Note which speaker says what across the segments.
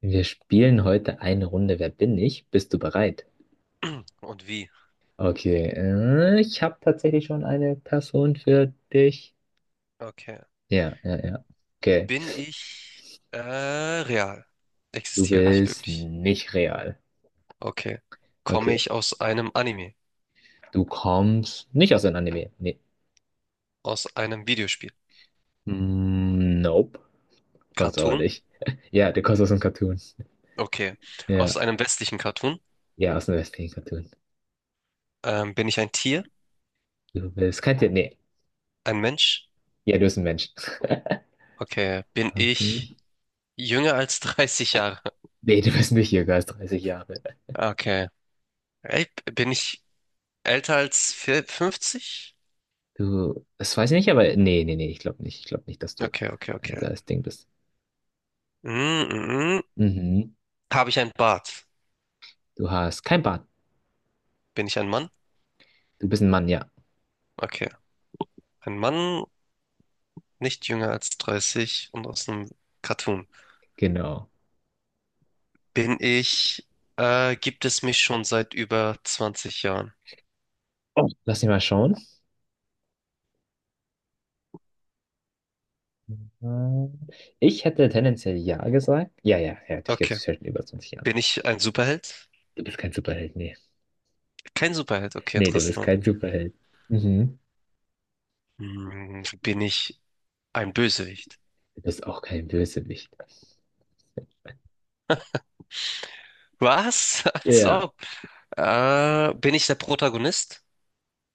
Speaker 1: Wir spielen heute eine Runde: Wer bin ich? Bist du bereit?
Speaker 2: Und wie?
Speaker 1: Okay, ich habe tatsächlich schon eine Person für dich.
Speaker 2: Okay.
Speaker 1: Ja, ja, ja. Okay,
Speaker 2: Bin ich real?
Speaker 1: du
Speaker 2: Existiere ich
Speaker 1: bist
Speaker 2: wirklich?
Speaker 1: nicht real.
Speaker 2: Okay. Komme
Speaker 1: Okay,
Speaker 2: ich aus einem Anime?
Speaker 1: du kommst nicht aus einem Anime. Nee.
Speaker 2: Aus einem Videospiel?
Speaker 1: Nope, kommst auch
Speaker 2: Cartoon?
Speaker 1: nicht. Ja, du kommst aus einem Cartoon.
Speaker 2: Okay. Aus
Speaker 1: Ja,
Speaker 2: einem westlichen Cartoon?
Speaker 1: ja, aus einem westlichen Cartoon.
Speaker 2: Bin ich ein Tier?
Speaker 1: Du bist kein Tier. Nee,
Speaker 2: Ein Mensch?
Speaker 1: ja, du bist ein Mensch.
Speaker 2: Okay. Bin ich
Speaker 1: Okay.
Speaker 2: jünger als 30 Jahre?
Speaker 1: Nee, du bist nicht jünger als 30 Jahre.
Speaker 2: Okay. Ey, bin ich älter als 50?
Speaker 1: Du, das weiß ich nicht, aber nee, nee, nee, ich glaube nicht. Ich glaube nicht, dass du
Speaker 2: Okay, okay, okay.
Speaker 1: das Ding bist.
Speaker 2: Mm, mm, mm.
Speaker 1: Mhm.
Speaker 2: Habe ich einen Bart?
Speaker 1: Du hast kein Bart.
Speaker 2: Bin ich ein Mann?
Speaker 1: Du bist ein Mann, ja.
Speaker 2: Okay. Ein Mann nicht jünger als 30 und aus einem Cartoon.
Speaker 1: Genau.
Speaker 2: Bin ich, Gibt es mich schon seit über 20 Jahren.
Speaker 1: Oh. Lass mich mal schauen. Mhm. Ich hätte tendenziell ja gesagt. Ja, ja, ja, dich gibt
Speaker 2: Okay.
Speaker 1: es seit über 20 Jahren.
Speaker 2: Bin ich ein Superheld?
Speaker 1: Du bist kein Superheld, nee.
Speaker 2: Kein Superheld, okay,
Speaker 1: Nee, du bist
Speaker 2: interessant.
Speaker 1: kein Superheld. Mhm.
Speaker 2: Hm, bin ich ein Bösewicht?
Speaker 1: Du bist auch kein Bösewicht.
Speaker 2: Was? Als
Speaker 1: Ja,
Speaker 2: ob. Bin ich der Protagonist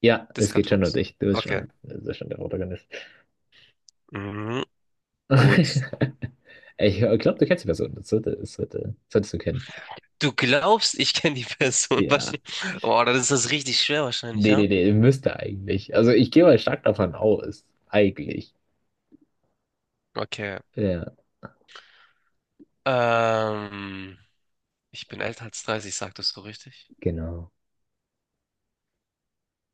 Speaker 1: ja,
Speaker 2: des
Speaker 1: es geht schon um
Speaker 2: Cartoons?
Speaker 1: dich.
Speaker 2: Okay.
Speaker 1: Du bist schon der Protagonist.
Speaker 2: Mhm, gut.
Speaker 1: Ich glaube, du kennst die Person. Solltest du kennen.
Speaker 2: Du glaubst, ich kenne die Person
Speaker 1: Ja.
Speaker 2: wahrscheinlich. Oh, dann ist das richtig schwer wahrscheinlich,
Speaker 1: Nee, nee,
Speaker 2: ja?
Speaker 1: nee, müsste eigentlich. Also ich gehe mal stark davon aus. Eigentlich.
Speaker 2: Okay.
Speaker 1: Ja,
Speaker 2: Ähm. Ich bin älter als 30, sagtest du richtig?
Speaker 1: genau.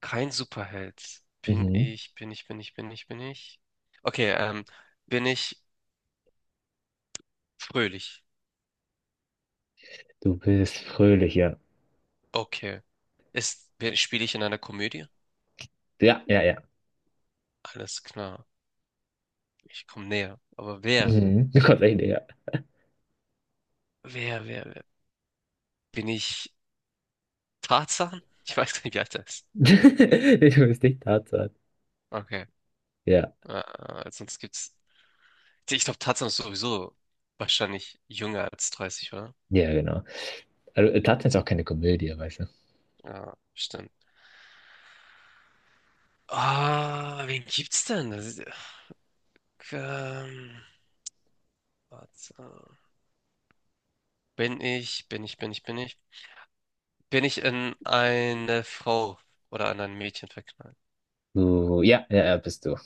Speaker 2: Kein Superheld.
Speaker 1: Mhm.
Speaker 2: Bin ich. Okay, bin ich fröhlich?
Speaker 1: Du bist fröhlich, ja.
Speaker 2: Okay. Ist, spiele ich in einer Komödie?
Speaker 1: Ja, ja, ja.
Speaker 2: Alles klar. Ich komme näher. Aber
Speaker 1: Mhm. Du kommst echt näher.
Speaker 2: wer? Bin ich Tarzan? Ich weiß gar nicht, wie alt er ist.
Speaker 1: Nee, du bist nicht Tarzan.
Speaker 2: Okay.
Speaker 1: Ja,
Speaker 2: Sonst gibt's. Ich glaube, Tarzan ist sowieso wahrscheinlich jünger als 30, oder?
Speaker 1: ja, genau. Also Tarzan ist auch keine Komödie, weißt du.
Speaker 2: Ja, stimmt. Ah, wen gibt's denn? Ähm, Schwarzer. Bin ich. Bin ich in eine Frau oder an ein Mädchen verknallt?
Speaker 1: Du, ja, ja, ja, bist du.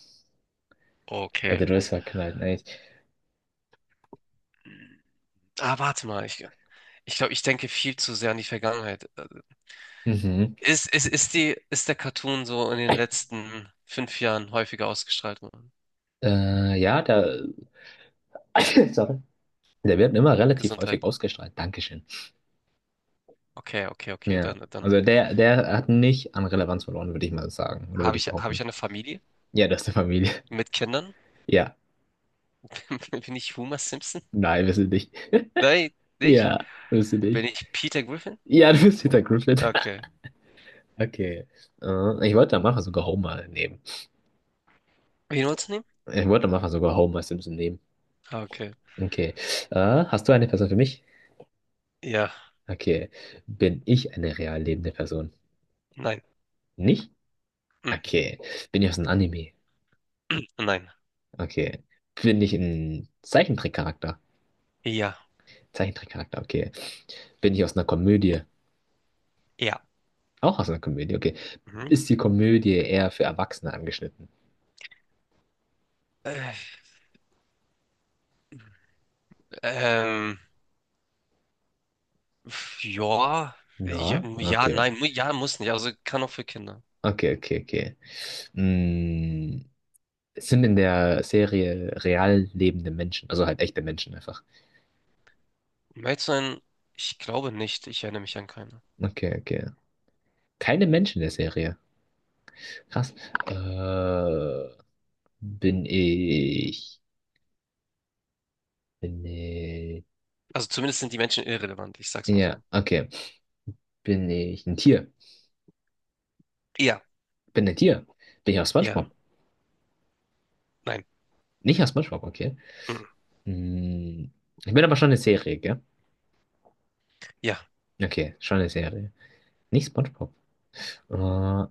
Speaker 2: Okay.
Speaker 1: Also du bist verknallt, nicht?
Speaker 2: Ah, warte mal. Ich glaube, ich denke viel zu sehr an die Vergangenheit.
Speaker 1: Mhm.
Speaker 2: Ist die, ist der Cartoon so in den letzten 5 Jahren häufiger ausgestrahlt worden?
Speaker 1: Ja, da. Sorry. Der wird immer relativ häufig
Speaker 2: Gesundheit.
Speaker 1: ausgestrahlt. Dankeschön.
Speaker 2: Okay, okay, okay.
Speaker 1: Ja.
Speaker 2: Dann
Speaker 1: Also der, der hat nicht an Relevanz verloren, würde ich mal sagen. Oder würde ich
Speaker 2: habe ich
Speaker 1: behaupten.
Speaker 2: eine Familie
Speaker 1: Ja, du hast eine Familie.
Speaker 2: mit Kindern?
Speaker 1: Ja.
Speaker 2: Bin ich Homer Simpson?
Speaker 1: Nein, bist du nicht.
Speaker 2: Nein, nicht?
Speaker 1: Ja, bist du
Speaker 2: Bin
Speaker 1: nicht.
Speaker 2: ich Peter Griffin?
Speaker 1: Ja, du bist Peter Griffin.
Speaker 2: Okay.
Speaker 1: Okay. Ich wollte am Anfang sogar Homer nehmen.
Speaker 2: Wen wolltest du nehmen?
Speaker 1: Ich wollte am Anfang sogar Homer Simpson nehmen.
Speaker 2: Okay.
Speaker 1: Okay. Hast du eine Person für mich?
Speaker 2: Ja,
Speaker 1: Okay. Bin ich eine real lebende Person?
Speaker 2: nein.
Speaker 1: Nicht? Okay. Bin ich aus einem Anime?
Speaker 2: Nein.
Speaker 1: Okay. Bin ich ein Zeichentrickcharakter?
Speaker 2: Ja.
Speaker 1: Zeichentrickcharakter, okay. Bin ich aus einer Komödie?
Speaker 2: Ja.
Speaker 1: Auch aus einer Komödie, okay.
Speaker 2: Mhm.
Speaker 1: Ist die Komödie eher für Erwachsene angeschnitten?
Speaker 2: Äh, ähm, ja. Ja,
Speaker 1: Ja,
Speaker 2: ja,
Speaker 1: okay.
Speaker 2: nein, ja, muss nicht. Also kann auch für Kinder.
Speaker 1: Okay, okay, okay. Mm, es sind in der Serie real lebende Menschen, also halt echte Menschen einfach.
Speaker 2: Um ehrlich zu sein, ich glaube nicht. Ich erinnere mich an keine.
Speaker 1: Okay, okay. Keine Menschen in der Serie. Krass. Äh, bin ich, bin ich,
Speaker 2: Also zumindest sind die Menschen irrelevant. Ich sag's mal
Speaker 1: ja,
Speaker 2: so.
Speaker 1: okay. Bin ich ein Tier?
Speaker 2: Ja.
Speaker 1: Bin ein Tier? Bin ich aus
Speaker 2: Ja.
Speaker 1: SpongeBob?
Speaker 2: Nein.
Speaker 1: Nicht aus SpongeBob, okay.
Speaker 2: Mhm.
Speaker 1: Mm, ich bin aber schon eine Serie, gell?
Speaker 2: Ja.
Speaker 1: Okay, schon eine Serie. Nicht SpongeBob. Äh,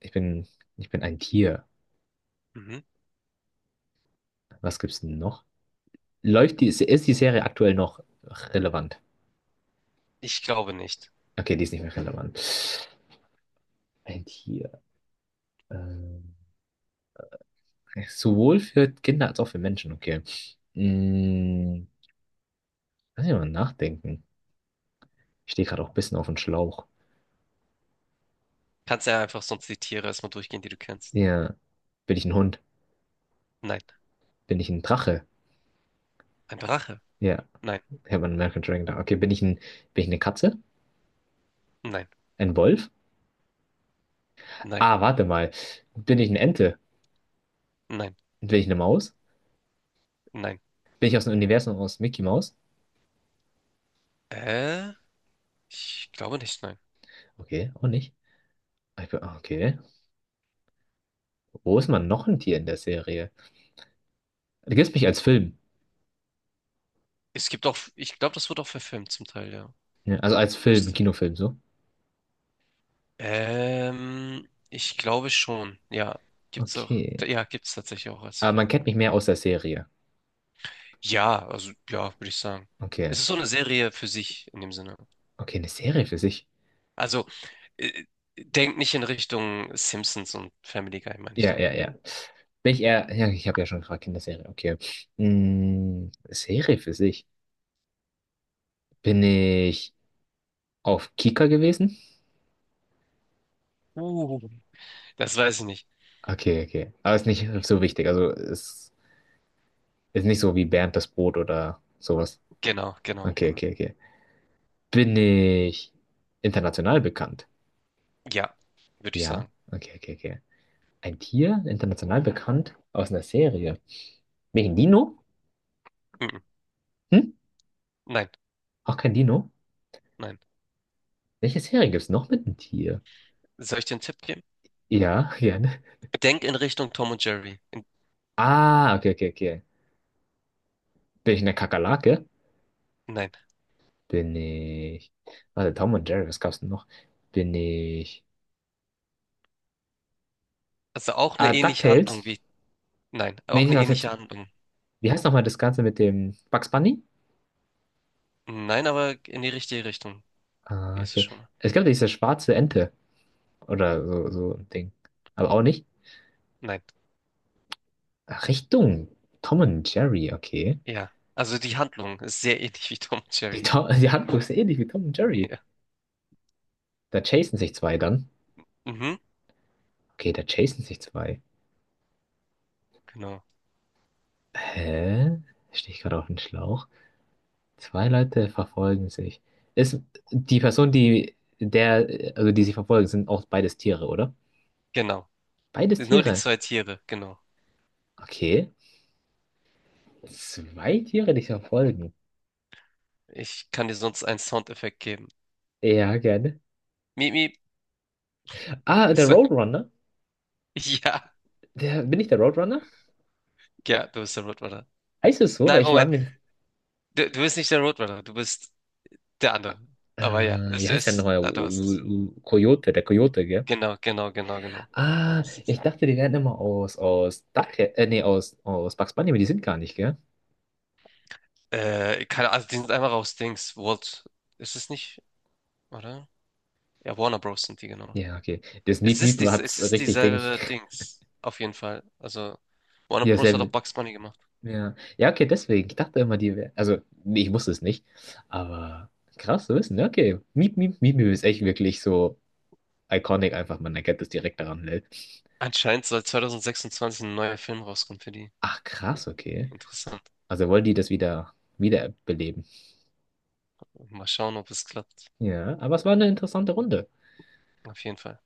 Speaker 1: ich bin, ich bin ein Tier.
Speaker 2: Mhm.
Speaker 1: Was gibt's denn noch? Ist die Serie aktuell noch relevant?
Speaker 2: Ich glaube nicht.
Speaker 1: Okay, die ist nicht mehr relevant. Ein Tier. Ähm, sowohl für Kinder als auch für Menschen, okay. Hm, lass mich mal nachdenken. Ich stehe gerade auch ein bisschen auf dem Schlauch.
Speaker 2: Kannst ja einfach sonst die Tiere erstmal durchgehen, die du kennst.
Speaker 1: Ja. Bin ich ein Hund?
Speaker 2: Nein.
Speaker 1: Bin ich ein Drache?
Speaker 2: Ein Drache?
Speaker 1: Ja.
Speaker 2: Nein.
Speaker 1: Ich habe einen American Dragon da. Bin ich eine Katze?
Speaker 2: Nein.
Speaker 1: Ein Wolf?
Speaker 2: Nein.
Speaker 1: Ah, warte mal. Bin ich eine Ente?
Speaker 2: Nein.
Speaker 1: Bin ich eine Maus?
Speaker 2: Nein.
Speaker 1: Bin ich aus dem Universum aus Mickey Mouse?
Speaker 2: Äh, ich glaube nicht, nein.
Speaker 1: Okay, auch nicht. Okay. Wo ist man noch ein Tier in der Serie? Du kennst mich als Film.
Speaker 2: Es gibt auch, ich glaube, das wird auch verfilmt zum Teil, ja.
Speaker 1: Ja, also als Film,
Speaker 2: Müsste.
Speaker 1: Kinofilm, so.
Speaker 2: Ich glaube schon. Ja, gibt's auch.
Speaker 1: Okay.
Speaker 2: Ja, gibt's tatsächlich auch als
Speaker 1: Aber man kennt
Speaker 2: Kinofilm.
Speaker 1: mich mehr aus der Serie.
Speaker 2: Ja, also ja, würde ich sagen.
Speaker 1: Okay.
Speaker 2: Es ist so eine Serie für sich in dem Sinne.
Speaker 1: Okay, eine Serie für sich.
Speaker 2: Also äh, Denkt nicht in Richtung Simpsons und Family Guy, meine ich
Speaker 1: Ja,
Speaker 2: damit.
Speaker 1: ja, ja. Bin ich eher, ja, ich habe ja schon gefragt, Kinderserie, okay. Mm, Serie für sich. Bin ich auf Kika gewesen?
Speaker 2: Uh. Das weiß ich nicht.
Speaker 1: Okay, okay. Aber ist nicht so wichtig. Ist nicht so wie Bernd das Brot oder sowas.
Speaker 2: Genau, genau,
Speaker 1: Okay,
Speaker 2: genau.
Speaker 1: okay, okay. Bin ich international bekannt?
Speaker 2: Ja, würde ich
Speaker 1: Ja.
Speaker 2: sagen.
Speaker 1: Okay, okay, okay. Ein Tier, international bekannt, aus einer Serie. Welchen Dino?
Speaker 2: Mhm.
Speaker 1: Hm?
Speaker 2: Nein,
Speaker 1: Auch kein Dino?
Speaker 2: nein.
Speaker 1: Welche Serie gibt es noch mit einem Tier?
Speaker 2: Soll ich dir einen Tipp geben?
Speaker 1: Ja, gerne.
Speaker 2: Denk in Richtung Tom und Jerry.
Speaker 1: Ah, okay, okay, okay. Bin ich eine Kakerlake?
Speaker 2: Nein.
Speaker 1: Bin ich. Warte, Tom und Jerry, was gab's denn noch? Bin ich.
Speaker 2: Also auch
Speaker 1: Ah,
Speaker 2: eine ähnliche Handlung
Speaker 1: DuckTales?
Speaker 2: wie. Nein,
Speaker 1: Nee,
Speaker 2: auch
Speaker 1: ich
Speaker 2: eine
Speaker 1: dachte
Speaker 2: ähnliche
Speaker 1: jetzt.
Speaker 2: Handlung.
Speaker 1: Wie heißt nochmal das Ganze mit dem Bugs Bunny?
Speaker 2: Nein, aber in die richtige Richtung
Speaker 1: Ah,
Speaker 2: gehst du
Speaker 1: okay.
Speaker 2: schon mal.
Speaker 1: Es gab ja diese schwarze Ente. Oder so, so ein Ding. Aber auch nicht.
Speaker 2: Nein.
Speaker 1: Ach, Richtung. Tom und Jerry, okay.
Speaker 2: Ja. Also die Handlung ist sehr ähnlich wie Tom und Jerry.
Speaker 1: Die Handlung ist ähnlich wie Tom und Jerry.
Speaker 2: Ja.
Speaker 1: Da chasen sich zwei dann.
Speaker 2: Mhm.
Speaker 1: Okay, da chasen sich zwei.
Speaker 2: Genau.
Speaker 1: Hä? Stehe ich gerade auf den Schlauch? Zwei Leute verfolgen sich. Ist die Person, die der, also die sie verfolgen, sind auch beides Tiere, oder?
Speaker 2: Genau.
Speaker 1: Beides
Speaker 2: Nur die
Speaker 1: Tiere.
Speaker 2: zwei Tiere, genau.
Speaker 1: Okay. Zwei Tiere, die sich verfolgen.
Speaker 2: Ich kann dir sonst einen Soundeffekt geben.
Speaker 1: Ja, gerne.
Speaker 2: Miep, miep.
Speaker 1: Ah, der
Speaker 2: Ist er-
Speaker 1: Roadrunner.
Speaker 2: Ja.
Speaker 1: Der, bin ich der Roadrunner?
Speaker 2: Ja, du bist der Rottweiler.
Speaker 1: Heißt es so? Weil
Speaker 2: Nein,
Speaker 1: ich war
Speaker 2: Moment.
Speaker 1: mir nicht.
Speaker 2: Du, bist nicht der Rottweiler, du bist der andere. Aber ja, es
Speaker 1: Wie heißt der
Speaker 2: ist.
Speaker 1: nochmal?
Speaker 2: Ah, du hast es.
Speaker 1: Coyote, der Coyote, gell?
Speaker 2: Genau. Also,
Speaker 1: Ah,
Speaker 2: das ist-
Speaker 1: ich dachte, die werden immer aus, aus, aus Bugs Bunny, aber die sind gar nicht, gell?
Speaker 2: keine, also die sind einfach aus Dings. Walt. Ist es nicht, oder? Ja, Warner Bros. Sind die, genau.
Speaker 1: Ja, okay. Das
Speaker 2: Es
Speaker 1: Miep
Speaker 2: ist
Speaker 1: Miep
Speaker 2: dies,
Speaker 1: hat
Speaker 2: es ist
Speaker 1: richtig Ding.
Speaker 2: dieselbe Dings. Auf jeden Fall. Also, Warner
Speaker 1: Ja,
Speaker 2: Bros. Hat auch
Speaker 1: sehr,
Speaker 2: Bugs Bunny gemacht.
Speaker 1: ja. Ja, okay, deswegen. Ich dachte immer, die wären, also, nee, ich wusste es nicht. Aber krass zu wissen, ja, okay. Miep Miep Miep Miep ist echt wirklich so iconic einfach, man erkennt es direkt daran, ne?
Speaker 2: Anscheinend soll 2026 ein neuer Film rauskommen für die.
Speaker 1: Ach, krass, okay.
Speaker 2: Interessant.
Speaker 1: Also wollen die das wieder, wiederbeleben.
Speaker 2: Mal schauen, ob es klappt.
Speaker 1: Ja, aber es war eine interessante Runde.
Speaker 2: Auf jeden Fall.